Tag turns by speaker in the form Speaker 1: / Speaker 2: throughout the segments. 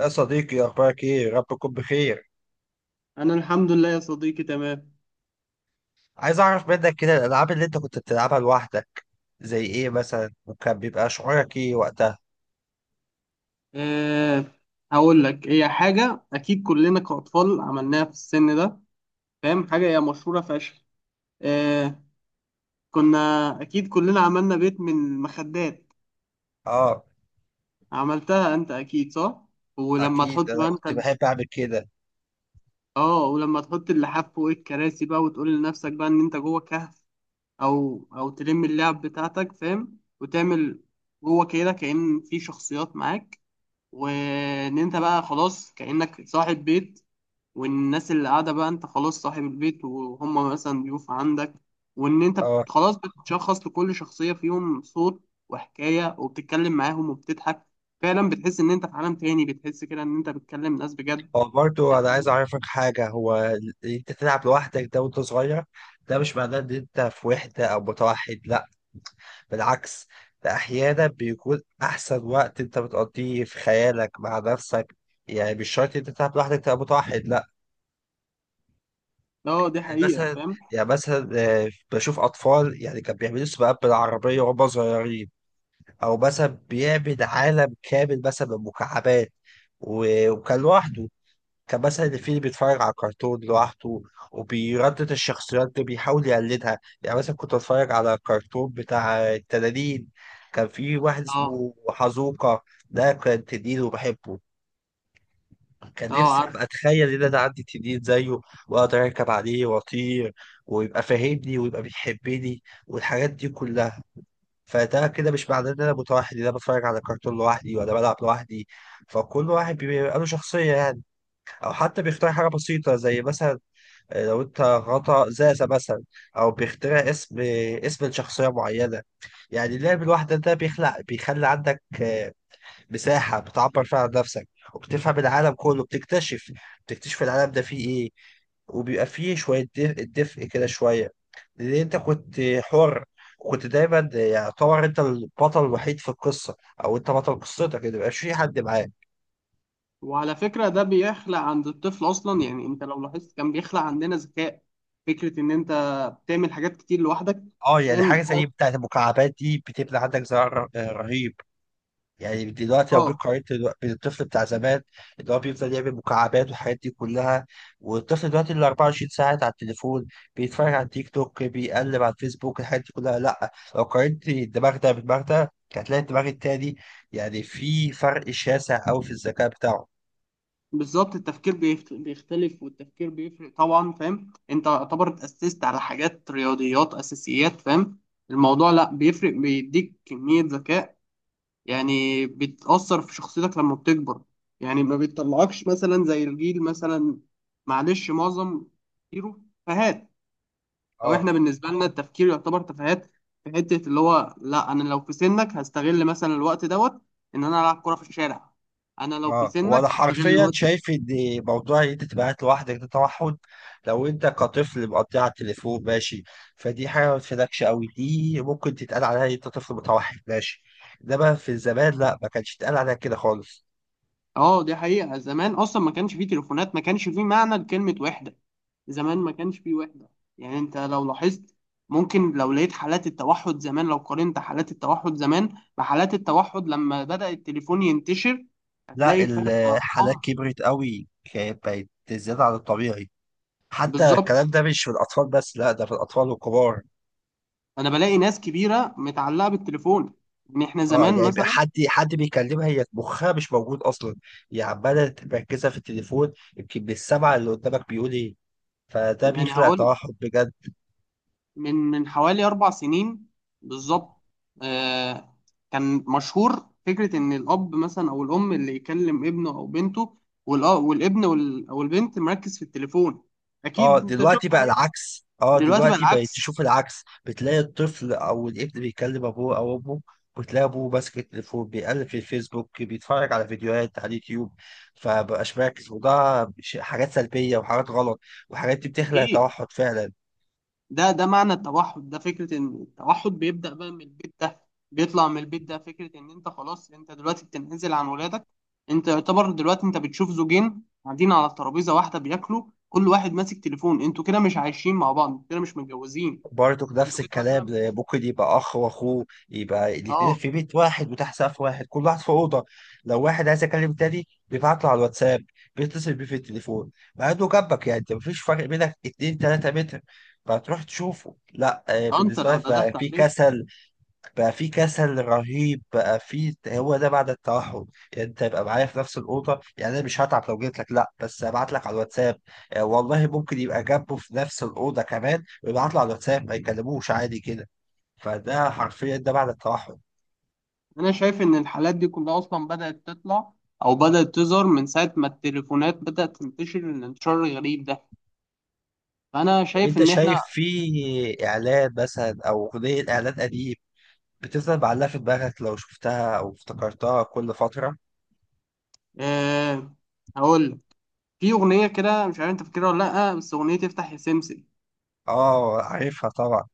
Speaker 1: يا صديقي، اخبارك ايه؟ رب تكون بخير.
Speaker 2: انا الحمد لله يا صديقي تمام.
Speaker 1: عايز اعرف منك كده الالعاب اللي انت كنت بتلعبها لوحدك، زي ايه مثلا؟ وكان بيبقى شعورك ايه وقتها؟
Speaker 2: أه هقول لك هي حاجه اكيد كلنا كاطفال عملناها في السن ده. فاهم حاجه هي مشهوره فشخ. أه كنا اكيد كلنا عملنا بيت من المخدات.
Speaker 1: اه،
Speaker 2: عملتها انت اكيد صح. ولما
Speaker 1: اكيد
Speaker 2: تحط
Speaker 1: انا
Speaker 2: بقى انت
Speaker 1: كنت
Speaker 2: ال-
Speaker 1: بحب اعمل كده.
Speaker 2: اه ولما تحط اللحاف فوق الكراسي بقى وتقول لنفسك بقى ان انت جوه كهف، او تلم اللعب بتاعتك فاهم وتعمل جوه كده كأن في شخصيات معاك، وان انت بقى خلاص كأنك صاحب بيت، والناس اللي قاعدة بقى انت خلاص صاحب البيت وهم مثلا ضيوف عندك، وان انت
Speaker 1: اه،
Speaker 2: خلاص بتشخص لكل شخصية فيهم صوت وحكاية وبتتكلم معاهم وبتضحك. فعلا بتحس ان انت في عالم تاني، بتحس كده ان انت بتكلم ناس بجد.
Speaker 1: هو برضه انا عايز اعرفك حاجه. اللي انت تلعب لوحدك ده وانت صغير، ده مش معناه ان انت في وحده او متوحد، لا، بالعكس. ده احيانا بيكون احسن وقت انت بتقضيه في خيالك مع نفسك. يعني مش شرط انت تلعب لوحدك تبقى متوحد، لا.
Speaker 2: اه، دي
Speaker 1: يعني
Speaker 2: حقيقة
Speaker 1: مثلا
Speaker 2: فاهم.
Speaker 1: يعني مثلا، بشوف اطفال يعني كان بيعملوا سباقات بالعربيه وهم صغيرين، او مثلا بيعمل عالم كامل مثلا من مكعبات، وكان لوحده. كان مثلا اللي فيه اللي بيتفرج على كرتون لوحده وبيردد الشخصيات دي بيحاول يقلدها. يعني مثلا كنت اتفرج على كرتون بتاع التنانين، كان في واحد
Speaker 2: اه،
Speaker 1: اسمه حزوقة، ده كان تنين وبحبه. كان
Speaker 2: اه،
Speaker 1: نفسي
Speaker 2: عارف.
Speaker 1: ابقى اتخيل ان انا عندي تنين زيه، واقدر اركب عليه واطير، ويبقى فاهمني ويبقى بيحبني والحاجات دي كلها. فده كده مش معناه ان انا متوحد، ان انا بتفرج على كرتون لوحدي ولا بلعب لوحدي. فكل واحد بيبقى له شخصية يعني، او حتى بيختار حاجة بسيطة زي مثلا، لو انت غطا زازة مثلا، او بيخترع اسم، اسم لشخصية معينة. يعني اللعب الواحدة ده بيخلي عندك، مساحة بتعبر فيها عن نفسك، وبتفهم العالم كله. بتكتشف العالم ده فيه ايه، وبيبقى فيه شوية دفء, دفء كده شوية. لأن أنت كنت حر، وكنت دايما يعتبر أنت البطل الوحيد في القصة، أو أنت بطل قصتك، ما بيبقاش في حد معاك.
Speaker 2: وعلى فكرة ده بيخلق عند الطفل اصلا، يعني انت لو لاحظت كان بيخلق عندنا ذكاء، فكرة ان انت بتعمل حاجات كتير لوحدك
Speaker 1: اه، يعني
Speaker 2: فاهم.
Speaker 1: حاجة زي بتاعة المكعبات دي بتبني عندك زرع رهيب. يعني دلوقتي لو
Speaker 2: اه.
Speaker 1: جيت قارنت، بين الطفل بتاع زمان اللي هو بيفضل يعمل مكعبات والحاجات دي كلها، والطفل دلوقتي اللي 24 ساعة على التليفون بيتفرج على تيك توك، بيقلب على الفيسبوك، الحاجات دي كلها، لا، لو قارنت الدماغ ده بالدماغ ده هتلاقي الدماغ التاني، يعني في فرق شاسع أوي في الذكاء بتاعه.
Speaker 2: بالظبط، التفكير بيختلف، والتفكير بيفرق طبعا فاهم. انت يعتبر اتأسست على حاجات رياضيات اساسيات فاهم. الموضوع لا، بيفرق، بيديك كمية ذكاء، يعني بتأثر في شخصيتك لما بتكبر. يعني ما بتطلعكش مثلا زي الجيل مثلا، معلش، معظم تفكيره تفاهات. او
Speaker 1: اه.
Speaker 2: احنا بالنسبة لنا التفكير يعتبر تفاهات. في حتة اللي هو، لا انا لو في سنك هستغل مثلا الوقت دوت، ان انا العب كرة في الشارع. انا لو في
Speaker 1: اه، وانا
Speaker 2: سنك هستغل
Speaker 1: حرفيا
Speaker 2: الوقت.
Speaker 1: شايف ان موضوع ان انت تبقى قاعد لوحدك ده توحد، لو انت كطفل مقضيها على التليفون، ماشي، فدي حاجه ما تفيدكش قوي، دي ممكن تتقال عليها إن انت طفل متوحد، ماشي. انما في الزمان لا، ما كانش يتقال عليها كده خالص.
Speaker 2: اه دي حقيقة، زمان اصلا ما كانش فيه تليفونات، ما كانش فيه معنى لكلمة وحدة. زمان ما كانش فيه وحدة. يعني انت لو لاحظت، ممكن لو لقيت حالات التوحد زمان، لو قارنت حالات التوحد زمان بحالات التوحد لما بدأ التليفون ينتشر،
Speaker 1: لا،
Speaker 2: هتلاقي فرق
Speaker 1: الحالات
Speaker 2: ارقام.
Speaker 1: كبرت قوي، كانت بقت زياده عن الطبيعي. حتى
Speaker 2: بالظبط.
Speaker 1: الكلام ده مش في الاطفال بس، لا، ده في الاطفال والكبار.
Speaker 2: انا بلاقي ناس كبيرة متعلقة بالتليفون. ان احنا
Speaker 1: اه،
Speaker 2: زمان
Speaker 1: يعني يبقى
Speaker 2: مثلا،
Speaker 1: حد بيكلمها، هي مخها مش موجود اصلا، هي عماله مركزه في التليفون، يمكن بالسمع اللي قدامك بيقول ايه، فده
Speaker 2: يعني
Speaker 1: بيخلق
Speaker 2: هقول
Speaker 1: توحد بجد.
Speaker 2: من حوالي 4 سنين. بالظبط. آه كان مشهور فكرة إن الأب مثلا أو الأم اللي يكلم ابنه أو بنته والأ- والابن أو البنت مركز في التليفون.
Speaker 1: اه،
Speaker 2: أكيد أنت
Speaker 1: دلوقتي
Speaker 2: شفت
Speaker 1: بقى
Speaker 2: حاجات.
Speaker 1: العكس. اه،
Speaker 2: دلوقتي بقى
Speaker 1: دلوقتي بقيت
Speaker 2: العكس.
Speaker 1: تشوف العكس، بتلاقي الطفل او الابن بيكلم ابوه او امه، وتلاقي ابوه ماسك التليفون بيقلب في الفيسبوك، بيتفرج على فيديوهات على اليوتيوب، فمبقاش مركز، وده حاجات سلبية وحاجات غلط، وحاجات دي بتخلق
Speaker 2: أكيد.
Speaker 1: توحد فعلا.
Speaker 2: ده معنى التوحد، ده فكرة ان التوحد بيبدأ بقى من البيت، ده بيطلع من البيت، ده فكرة ان انت خلاص انت دلوقتي بتنعزل عن ولادك. انت يعتبر دلوقتي انت بتشوف زوجين قاعدين على ترابيزة واحدة بياكلوا، كل واحد ماسك تليفون، انتوا كده مش عايشين مع بعض، انتوا كده مش متجوزين.
Speaker 1: بارتوك نفس
Speaker 2: انتوا كده
Speaker 1: الكلام،
Speaker 2: مثلا.
Speaker 1: ممكن يبقى اخ واخوه يبقى الاثنين
Speaker 2: اه.
Speaker 1: في بيت واحد وتحت سقف واحد، كل واحد في اوضه. لو واحد عايز يكلم تاني بيبعت له على الواتساب، بيتصل بيه في التليفون مع انه جنبك، يعني انت مفيش فرق بينك 2 3 متر فتروح تشوفه، لا،
Speaker 2: انت
Speaker 1: بالنسبه
Speaker 2: لو
Speaker 1: لك
Speaker 2: ندهت
Speaker 1: بقى في
Speaker 2: عليه.
Speaker 1: كسل، بقى في كسل رهيب، بقى في، هو ده بعد التوحد. يعني انت يبقى معايا في نفس الاوضه، يعني انا مش هتعب لو جيت لك، لا، بس ابعت لك على الواتساب. والله ممكن يبقى جنبه في نفس الاوضه كمان ويبعت له على الواتساب، ما يكلموش عادي كده. فده حرفيا ده بعد التوحد.
Speaker 2: انا شايف ان الحالات دي كلها اصلا بدأت تطلع، او بدأت تظهر من ساعة ما التليفونات بدأت تنتشر الانتشار الغريب ده. فانا
Speaker 1: طب
Speaker 2: شايف
Speaker 1: انت
Speaker 2: ان احنا،
Speaker 1: شايف في اعلان مثلا او اغنيه اعلان قديم بتفضل معلقه في دماغك لو شفتها او افتكرتها كل فتره؟
Speaker 2: آه هقول لك، في أغنية كده مش عارف أنت فاكرها ولا لأ، بس أغنية تفتح يا سمسم.
Speaker 1: اه، عارفها طبعا.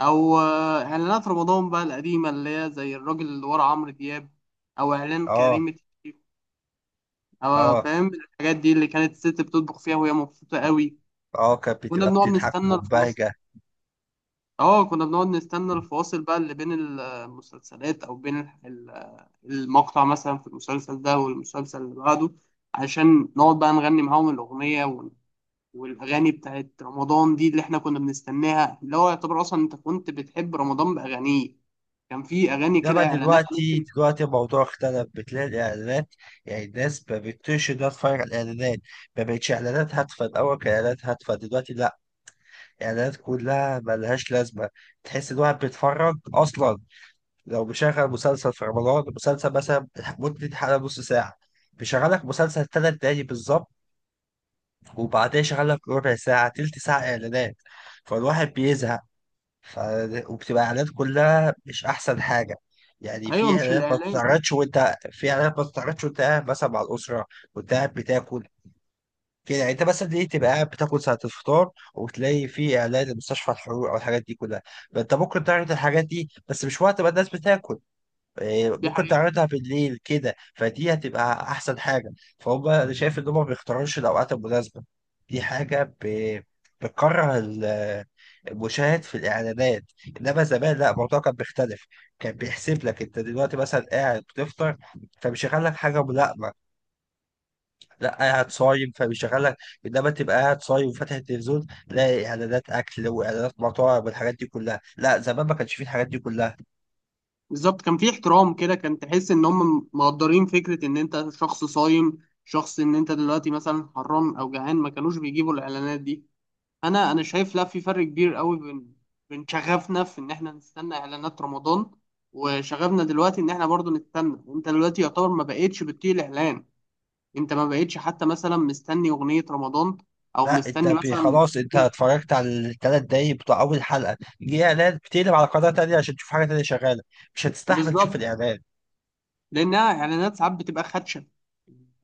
Speaker 2: أو إعلانات رمضان بقى القديمة اللي هي زي الراجل اللي ورا عمرو دياب، أو إعلان
Speaker 1: اه.
Speaker 2: كريم الشيف، أو
Speaker 1: اه.
Speaker 2: فاهم الحاجات دي اللي كانت الست بتطبخ فيها وهي مبسوطة قوي.
Speaker 1: اه، كانت
Speaker 2: كنا
Speaker 1: بتبقى
Speaker 2: بنقعد
Speaker 1: بتضحك
Speaker 2: نستنى الفاصل.
Speaker 1: ومبهجه.
Speaker 2: كنا بنقعد نستنى الفواصل بقى اللي بين المسلسلات، أو بين ال- المقطع مثلا في المسلسل ده والمسلسل اللي بعده، عشان نقعد بقى نغني معاهم الأغنية. والاغاني بتاعت رمضان دي اللي احنا كنا بنستناها، اللي هو يعتبر اصلا انت كنت بتحب رمضان باغانيه. كان في اغاني
Speaker 1: انما
Speaker 2: كده اعلانات ممكن.
Speaker 1: دلوقتي الموضوع اختلف، بتلاقي الاعلانات، يعني الناس ما بتقدرش انها تتفرج على الاعلانات، ما بقتش اعلانات هادفه. الاول كانت اعلانات هادفه، دلوقتي لا، الاعلانات كلها ملهاش لازمه. تحس ان الواحد بيتفرج اصلا، لو بيشغل مسلسل في رمضان، مسلسل مثلا مدة حلقه نص ساعه، بيشغلك مسلسل 3 دقايق بالظبط، وبعدين يشغلك ربع ساعه تلت ساعه اعلانات، فالواحد بيزهق، ف... وبتبقى اعلانات كلها مش احسن حاجه. يعني
Speaker 2: ايوه، مش الاعلان.
Speaker 1: في اعلانات ما بتتعرضش وانت قاعد مثلا مع الاسره، وانت قاعد بتاكل، كده. يعني انت مثلا ليه تبقى قاعد بتاكل ساعه الفطار وتلاقي في اعلان لمستشفى الحروق او الحاجات دي كلها؟ فانت ممكن تعرض الحاجات دي بس مش وقت ما الناس بتاكل.
Speaker 2: دي
Speaker 1: ممكن
Speaker 2: حقيقة.
Speaker 1: تعرضها بالليل كده، فدي هتبقى احسن حاجه. فهم انا شايف ان هم ما بيختاروش الاوقات المناسبه. دي حاجه بتكره المشاهد في الاعلانات. انما زمان لا، الموضوع كان بيختلف، كان بيحسب لك انت دلوقتي مثلا قاعد بتفطر فبيشغل لك حاجه ملائمه، لا قاعد صايم فبيشغل لك. انما تبقى قاعد صايم وفاتح التلفزيون تلاقي اعلانات اكل واعلانات مطاعم والحاجات دي كلها، لا، زمان ما كانش فيه الحاجات دي كلها.
Speaker 2: بالظبط، كان في احترام كده، كان تحس ان هم مقدرين فكرة ان انت شخص صايم، شخص ان انت دلوقتي مثلا حران او جعان، ما كانوش بيجيبوا الاعلانات دي. انا شايف، لا، في فرق كبير قوي بين شغفنا في ان احنا نستنى اعلانات رمضان، وشغفنا دلوقتي ان احنا برضو نستنى. انت دلوقتي يعتبر ما بقتش بتطيق الاعلان. انت ما بقتش حتى مثلا مستني اغنيه رمضان، او
Speaker 1: لا، انت
Speaker 2: مستني مثلا.
Speaker 1: خلاص انت اتفرجت على ال3 دقايق بتوع اول حلقه، دي اعلان، بتقلب على قناه تانية عشان تشوف حاجه تانية شغاله، مش هتستحمل تشوف
Speaker 2: بالظبط،
Speaker 1: الاعلان.
Speaker 2: لانها اعلانات ساعات بتبقى خدشه.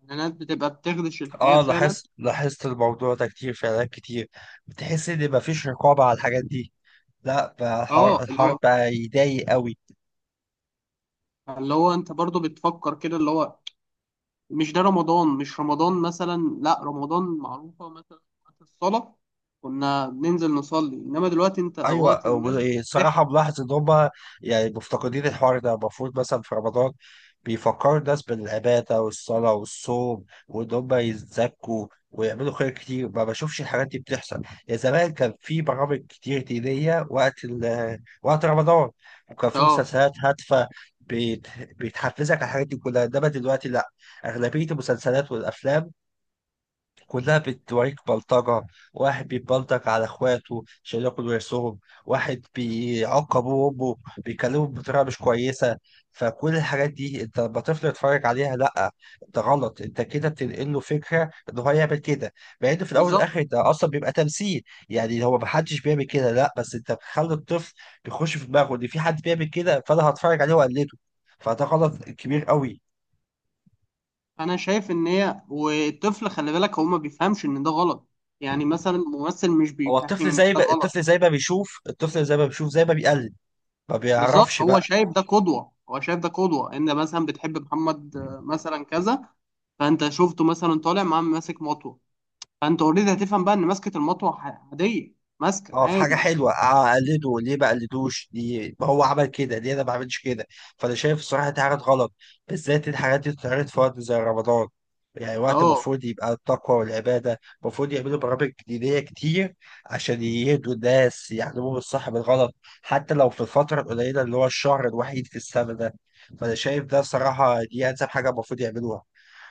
Speaker 2: الاعلانات بتبقى بتخدش الحياه
Speaker 1: اه،
Speaker 2: فعلا.
Speaker 1: لاحظت الموضوع ده كتير، في اعلانات كتير بتحس ان مفيش رقابه على الحاجات دي. لا بقى
Speaker 2: اه،
Speaker 1: الحوار،
Speaker 2: اللي هو
Speaker 1: بقى يضايق قوي.
Speaker 2: اللي هو انت برضو بتفكر كده، اللي هو مش ده رمضان، مش رمضان مثلا، لا رمضان معروفه، مثلا وقت الصلاه كنا بننزل نصلي، انما دلوقتي انت
Speaker 1: ايوه،
Speaker 2: وقت الناس بتحيا.
Speaker 1: وصراحه ملاحظ ان هم يعني مفتقدين الحوار ده. المفروض مثلا في رمضان بيفكروا الناس بالعباده والصلاه والصوم، وان هم يتزكوا ويعملوا خير كتير، ما بشوفش الحاجات دي بتحصل. يا زمان كان في برامج كتير دينيه وقت وقت رمضان، وكان في
Speaker 2: اه.
Speaker 1: مسلسلات هادفه بت... بتحفزك على الحاجات دي كلها. انما دلوقتي لا، اغلبيه المسلسلات والافلام كلها بتوريك بلطجة. واحد بيبلطج على اخواته عشان ياكل ورثهم، واحد بيعاقب امه، بيكلمه بطريقة مش كويسة. فكل الحاجات دي انت لما طفل يتفرج عليها، لا، انت غلط، انت كده بتنقل له فكرة ان هو يعمل كده، مع ان في الاول
Speaker 2: بالظبط،
Speaker 1: والاخر ده اصلا بيبقى تمثيل. يعني هو محدش بيعمل كده، لا، بس انت بتخلي الطفل يخش في دماغه ان في حد بيعمل كده، فانا هتفرج عليه واقلده، فده غلط كبير قوي.
Speaker 2: انا شايف ان هي والطفل خلي بالك هو ما بيفهمش ان ده غلط. يعني مثلا الممثل مش
Speaker 1: هو
Speaker 2: بيفهم ان ده غلط.
Speaker 1: الطفل زي ما بيشوف زي ما بيقلد، ما
Speaker 2: بالظبط،
Speaker 1: بيعرفش
Speaker 2: هو
Speaker 1: بقى.
Speaker 2: شايف ده قدوة، هو شايف ده قدوة، ان مثلا بتحب محمد مثلا كذا، فانت شفته مثلا طالع معاه ماسك مطوة، فانت اوريدي هتفهم بقى ان ماسكة المطوة عادية. ماسك
Speaker 1: هو في حاجة
Speaker 2: عادي.
Speaker 1: حلوة أقلده ليه، بقلدوش ليه، ما هو عمل كده ليه، أنا ما بعملش كده. فأنا شايف الصراحة دي حاجات غلط، بالذات الحاجات دي بتتعرض في وقت زي رمضان. يعني وقت
Speaker 2: اه.
Speaker 1: المفروض يبقى التقوى والعبادة، المفروض يعملوا برامج دينية كتير عشان يهدوا الناس، يعلموهم الصح من الغلط، حتى لو في الفترة القليلة اللي هو الشهر الوحيد في السنة ده. فأنا شايف ده صراحة دي أنسب حاجة المفروض يعملوها،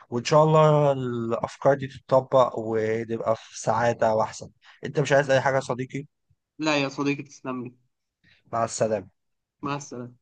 Speaker 1: وان شاء الله الافكار دي تتطبق ونبقى في سعادة واحسن. انت مش عايز اي حاجة يا صديقي؟
Speaker 2: لا يا صديقي، تسلم لي.
Speaker 1: مع السلامة.
Speaker 2: مع السلامة.